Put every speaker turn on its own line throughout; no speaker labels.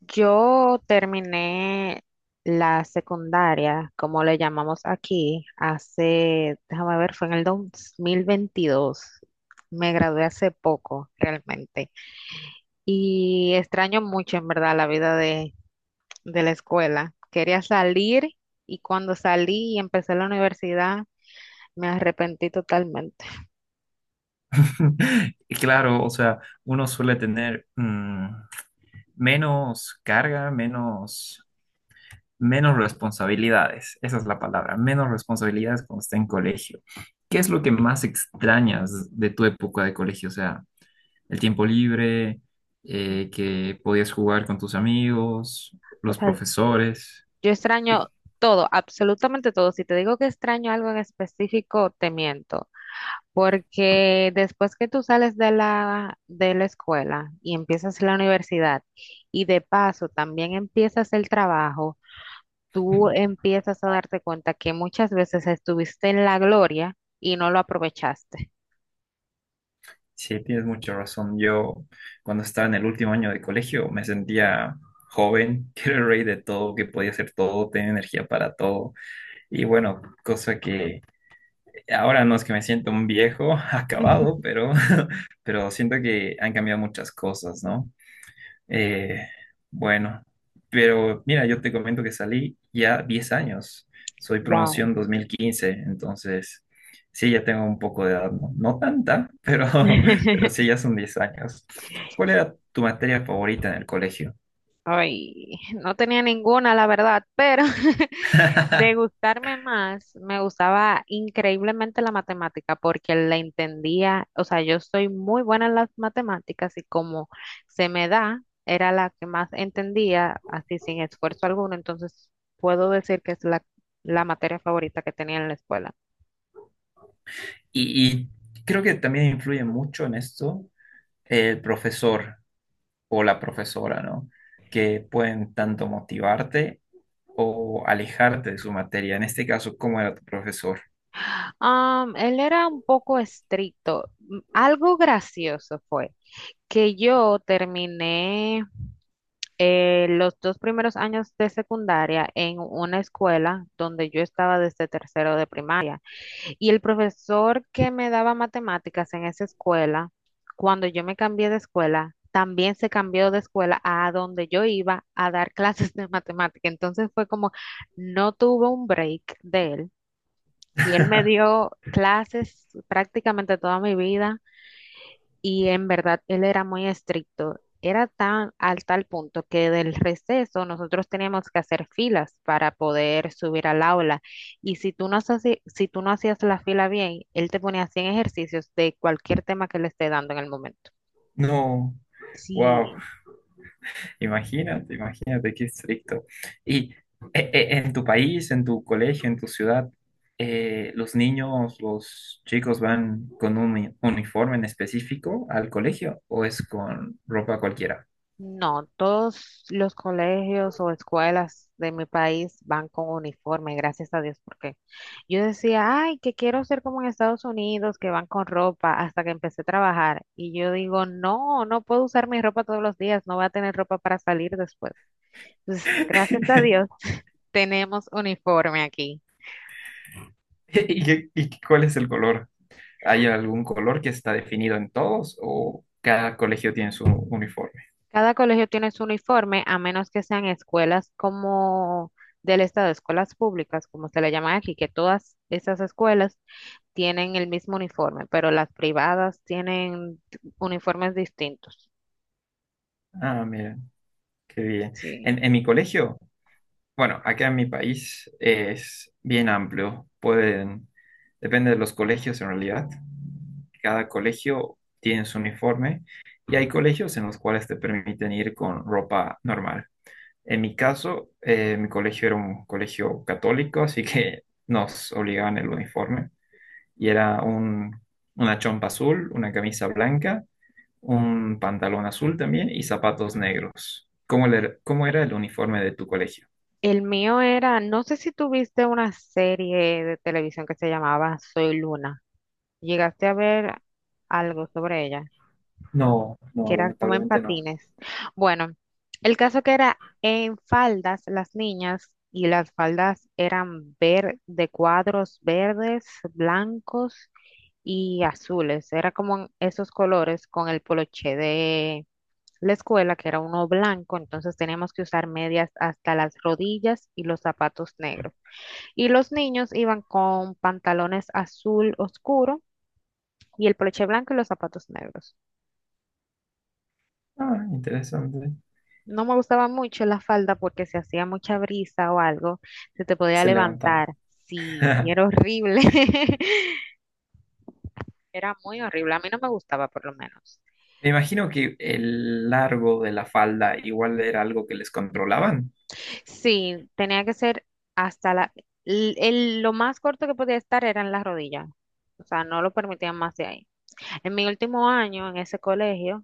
Yo terminé la secundaria, como le llamamos aquí, hace, déjame ver, fue en el 2022. Me gradué hace poco, realmente. Y extraño mucho, en verdad, la vida de la escuela. Quería salir y cuando salí y empecé la universidad, me arrepentí totalmente.
Y claro, o sea, uno suele tener menos carga, menos responsabilidades. Esa es la palabra, menos responsabilidades cuando está en colegio. ¿Qué es lo que más extrañas de tu época de colegio? O sea, el tiempo libre, que podías jugar con tus amigos,
O
los
sea,
profesores.
yo extraño todo, absolutamente todo. Si te digo que extraño algo en específico, te miento. Porque después que tú sales de de la escuela y empiezas la universidad y de paso también empiezas el trabajo, tú empiezas a darte cuenta que muchas veces estuviste en la gloria y no lo aprovechaste.
Sí, tienes mucha razón. Yo, cuando estaba en el último año de colegio, me sentía joven, que era el rey de todo, que podía hacer todo, tenía energía para todo. Y bueno, cosa que ahora no es que me siento un viejo acabado, pero, pero siento que han cambiado muchas cosas, ¿no? Eh, bueno, pero mira, yo te comento que salí ya 10 años. Soy
Wow.
promoción 2015. Entonces sí, ya tengo un poco de edad, no tanta, pero, pero sí, ya son 10 años. ¿Cuál era tu materia favorita en el colegio?
Ay, no tenía ninguna, la verdad, pero de gustarme más, me gustaba increíblemente la matemática porque la entendía, o sea, yo soy muy buena en las matemáticas y como se me da, era la que más entendía, así sin esfuerzo alguno, entonces puedo decir que es la materia favorita que tenía en la escuela.
Y, y creo que también influye mucho en esto el profesor o la profesora, ¿no? Que pueden tanto motivarte o alejarte de su materia. En este caso, ¿cómo era tu profesor?
Él era un poco estricto. Algo gracioso fue que yo terminé los dos primeros años de secundaria en una escuela donde yo estaba desde tercero de primaria. Y el profesor que me daba matemáticas en esa escuela, cuando yo me cambié de escuela, también se cambió de escuela a donde yo iba a dar clases de matemática. Entonces fue como, no tuve un break de él. Y él me dio clases prácticamente toda mi vida y en verdad él era muy estricto. Era tan al tal punto que del receso nosotros teníamos que hacer filas para poder subir al aula. Y si tú no hacías, si tú no hacías la fila bien, él te ponía 100 ejercicios de cualquier tema que le esté dando en el momento.
No, wow,
Sí.
imagínate qué estricto. Y en tu país, en tu colegio, en tu ciudad, ¿los niños, los chicos van con uniforme en específico al colegio o es con ropa cualquiera?
No, todos los colegios o escuelas de mi país van con uniforme, gracias a Dios, porque yo decía, ay, que quiero ser como en Estados Unidos, que van con ropa, hasta que empecé a trabajar. Y yo digo, no, no puedo usar mi ropa todos los días, no voy a tener ropa para salir después. Entonces, gracias a Dios, tenemos uniforme aquí.
¿Y, y cuál es el color? ¿Hay algún color que está definido en todos o cada colegio tiene su uniforme?
Cada colegio tiene su uniforme, a menos que sean escuelas como del estado, escuelas públicas, como se le llama aquí, que todas esas escuelas tienen el mismo uniforme, pero las privadas tienen uniformes distintos.
Ah, mira, qué bien.
Sí.
En mi colegio... Bueno, acá en mi país es bien amplio. Pueden, depende de los colegios en realidad. Cada colegio tiene su uniforme y hay colegios en los cuales te permiten ir con ropa normal. En mi caso, mi colegio era un colegio católico, así que nos obligaban el uniforme. Y era un, una chompa azul, una camisa blanca, un pantalón azul también y zapatos negros. ¿Cómo, cómo era el uniforme de tu colegio?
El mío era, no sé si tuviste una serie de televisión que se llamaba Soy Luna. Llegaste a ver algo sobre ella, que
No,
eran como en
lamentablemente no.
patines. Bueno, el caso que era en faldas las niñas y las faldas eran ver de cuadros verdes, blancos y azules. Era como en esos colores con el poloché de la escuela, que era uno blanco, entonces teníamos que usar medias hasta las rodillas y los zapatos negros. Y los niños iban con pantalones azul oscuro y el broche blanco y los zapatos negros.
Ah, interesante.
No me gustaba mucho la falda porque si hacía mucha brisa o algo, se te podía
Se
levantar.
levantaba.
Sí, y era horrible. Era muy horrible. A mí no me gustaba, por lo menos.
Me imagino que el largo de la falda igual era algo que les controlaban.
Sí, tenía que ser hasta la... lo más corto que podía estar era en la rodilla. O sea, no lo permitían más de ahí. En mi último año en ese colegio,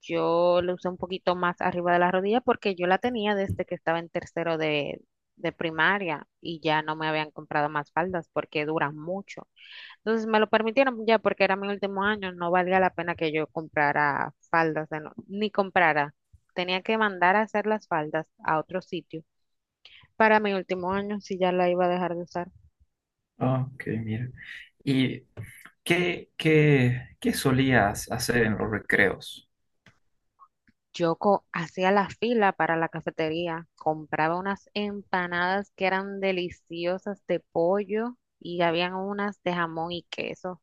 yo lo usé un poquito más arriba de la rodilla porque yo la tenía desde que estaba en tercero de primaria y ya no me habían comprado más faldas porque duran mucho. Entonces me lo permitieron ya porque era mi último año, no valía la pena que yo comprara faldas de ni comprara. Tenía que mandar a hacer las faldas a otro sitio para mi último año si ya la iba a dejar de usar.
Ah, ok, mira. ¿Y qué solías hacer en los recreos?
Hacía la fila para la cafetería, compraba unas empanadas que eran deliciosas de pollo y habían unas de jamón y queso.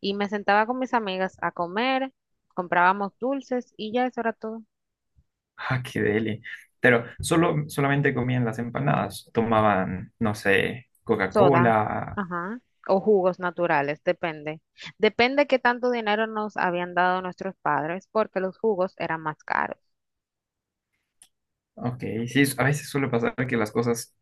Y me sentaba con mis amigas a comer, comprábamos dulces y ya eso era todo.
Ah, qué deli. Pero solamente comían las empanadas. Tomaban, no sé,
Soda,
Coca-Cola.
ajá, o jugos naturales, depende. Depende qué tanto dinero nos habían dado nuestros padres porque los jugos eran más caros.
Ok, sí, a veces suele pasar que las cosas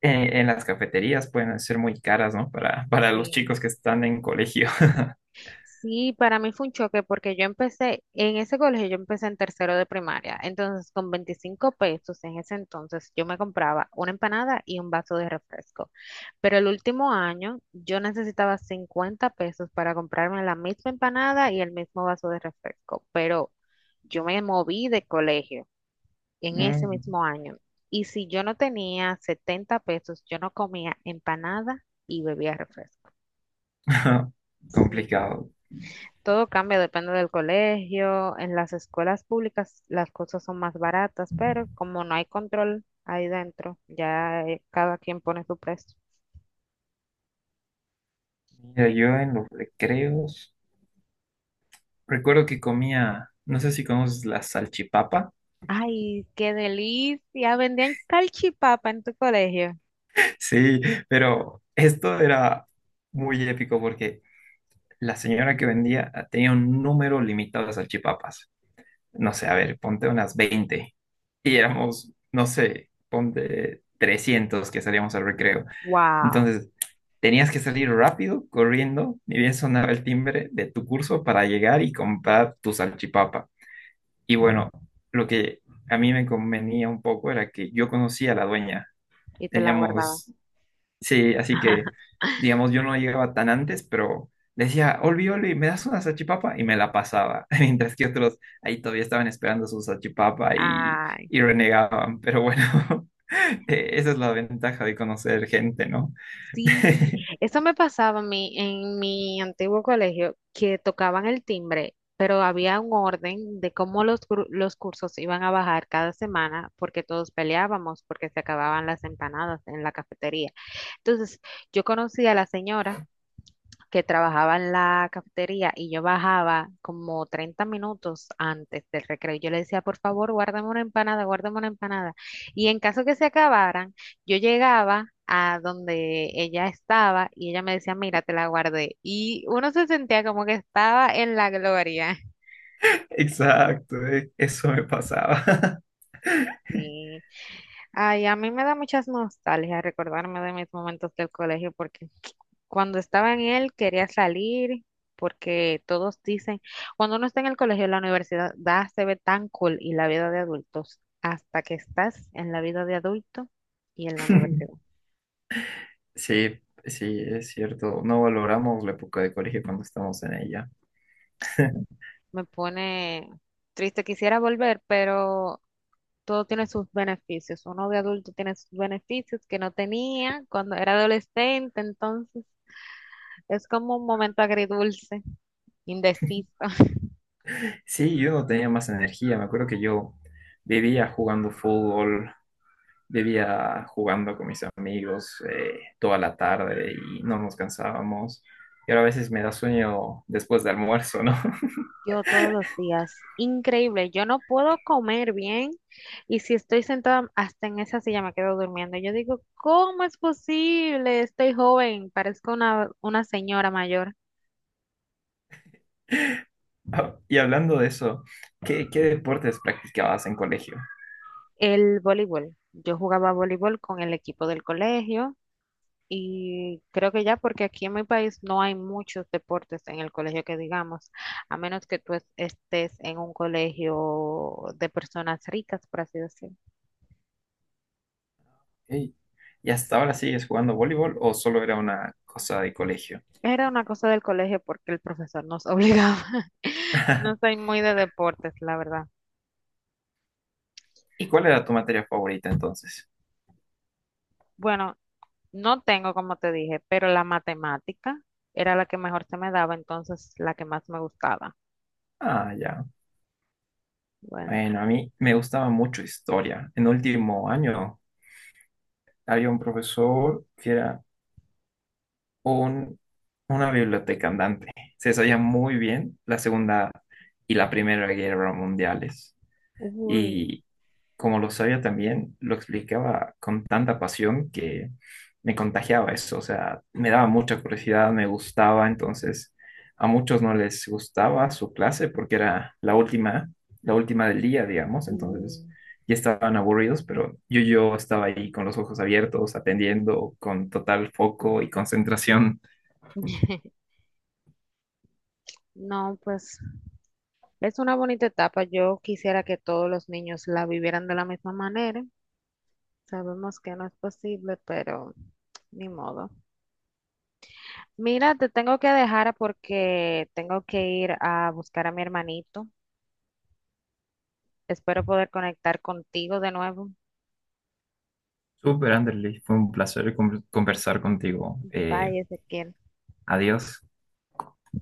en las cafeterías pueden ser muy caras, ¿no? Para los
Sí.
chicos que están en colegio.
Sí, para mí fue un choque porque yo empecé en ese colegio, yo empecé en tercero de primaria. Entonces, con 25 pesos en ese entonces, yo me compraba una empanada y un vaso de refresco. Pero el último año, yo necesitaba 50 pesos para comprarme la misma empanada y el mismo vaso de refresco. Pero yo me moví de colegio en ese
Mm.
mismo año. Y si yo no tenía 70 pesos, yo no comía empanada y bebía refresco. Sí,
Complicado.
todo cambia, depende del colegio. En las escuelas públicas las cosas son más baratas, pero como no hay control ahí dentro, ya cada quien pone su precio.
Mira,
Sí.
yo en los recreos recuerdo que comía, no sé si conoces la salchipapa.
Ay, qué delicia. Vendían calchipapa en tu colegio.
Sí, pero esto era muy épico porque la señora que vendía tenía un número limitado de salchipapas. No sé, a ver, ponte unas 20 y éramos, no sé, ponte 300 que salíamos al recreo.
Wow.
Entonces, tenías que salir rápido, corriendo, ni bien sonaba el timbre de tu curso para llegar y comprar tu salchipapa. Y bueno, lo que a mí me convenía un poco era que yo conocía a la dueña.
Y te la guardaba.
Teníamos. Sí, así que, digamos, yo no llegaba tan antes, pero decía, Olvi, Olvi, ¿me das una salchipapa? Y me la pasaba, mientras que otros ahí todavía estaban esperando su salchipapa
Ay.
y renegaban. Pero bueno, esa es la ventaja de conocer gente, ¿no?
Sí, eso me pasaba a mí en mi antiguo colegio, que tocaban el timbre, pero había un orden de cómo los, los cursos iban a bajar cada semana, porque todos peleábamos, porque se acababan las empanadas en la cafetería. Entonces, yo conocí a la señora que trabajaba en la cafetería y yo bajaba como 30 minutos antes del recreo. Yo le decía, por favor, guárdame una empanada, guárdame una empanada. Y en caso que se acabaran, yo llegaba a donde ella estaba y ella me decía, mira, te la guardé. Y uno se sentía como que estaba en la gloria.
Exacto, eso me pasaba.
Sí. Ay, a mí me da muchas nostalgias recordarme de mis momentos del colegio porque cuando estaba en él quería salir porque todos dicen, cuando uno está en el colegio, la universidad se ve tan cool y la vida de adultos, hasta que estás en la vida de adulto y en la universidad.
Sí, sí, es cierto. No valoramos la época de colegio cuando estamos en ella.
Me pone triste, quisiera volver, pero todo tiene sus beneficios. Uno de adulto tiene sus beneficios que no tenía cuando era adolescente, entonces es como un momento agridulce, indeciso.
Sí, yo no tenía más energía. Me acuerdo que yo vivía jugando fútbol, vivía jugando con mis amigos toda la tarde y no nos cansábamos. Y ahora a veces me da sueño después de almuerzo, ¿no?
Yo todos los días, increíble, yo no puedo comer bien y si estoy sentada hasta en esa silla me quedo durmiendo. Yo digo, ¿cómo es posible? Estoy joven, parezco una señora mayor.
Ah, y hablando de eso, qué deportes practicabas en colegio?
El voleibol, yo jugaba voleibol con el equipo del colegio y creo que ya porque aquí en mi país no hay muchos deportes en el colegio que digamos, a menos que estés en un colegio de personas ricas, por así decirlo.
Ey, ¿y hasta ahora sigues jugando voleibol o solo era una cosa de colegio?
Era una cosa del colegio porque el profesor nos obligaba. No soy muy de deportes, la verdad.
¿Y cuál era tu materia favorita entonces?
Bueno, no tengo, como te dije, pero la matemática era la que mejor se me daba, entonces la que más me gustaba.
Ah, ya.
Bueno,
Bueno, a mí me gustaba mucho historia. En último año había un profesor que era un- una biblioteca andante. Se desarrolla muy bien la Segunda y la Primera Guerra Mundiales.
uy,
Y como lo sabía también, lo explicaba con tanta pasión que me contagiaba eso. O sea, me daba mucha curiosidad, me gustaba. Entonces, a muchos no les gustaba su clase porque era la última del día, digamos.
sí.
Entonces, ya estaban aburridos, pero yo estaba ahí con los ojos abiertos, atendiendo con total foco y concentración.
No, pues es una bonita etapa. Yo quisiera que todos los niños la vivieran de la misma manera. Sabemos que no es posible, pero ni modo. Mira, te tengo que dejar porque tengo que ir a buscar a mi hermanito. Espero poder conectar contigo de nuevo.
Super Anderley, fue un placer conversar contigo.
Bye, Ezequiel.
Adiós.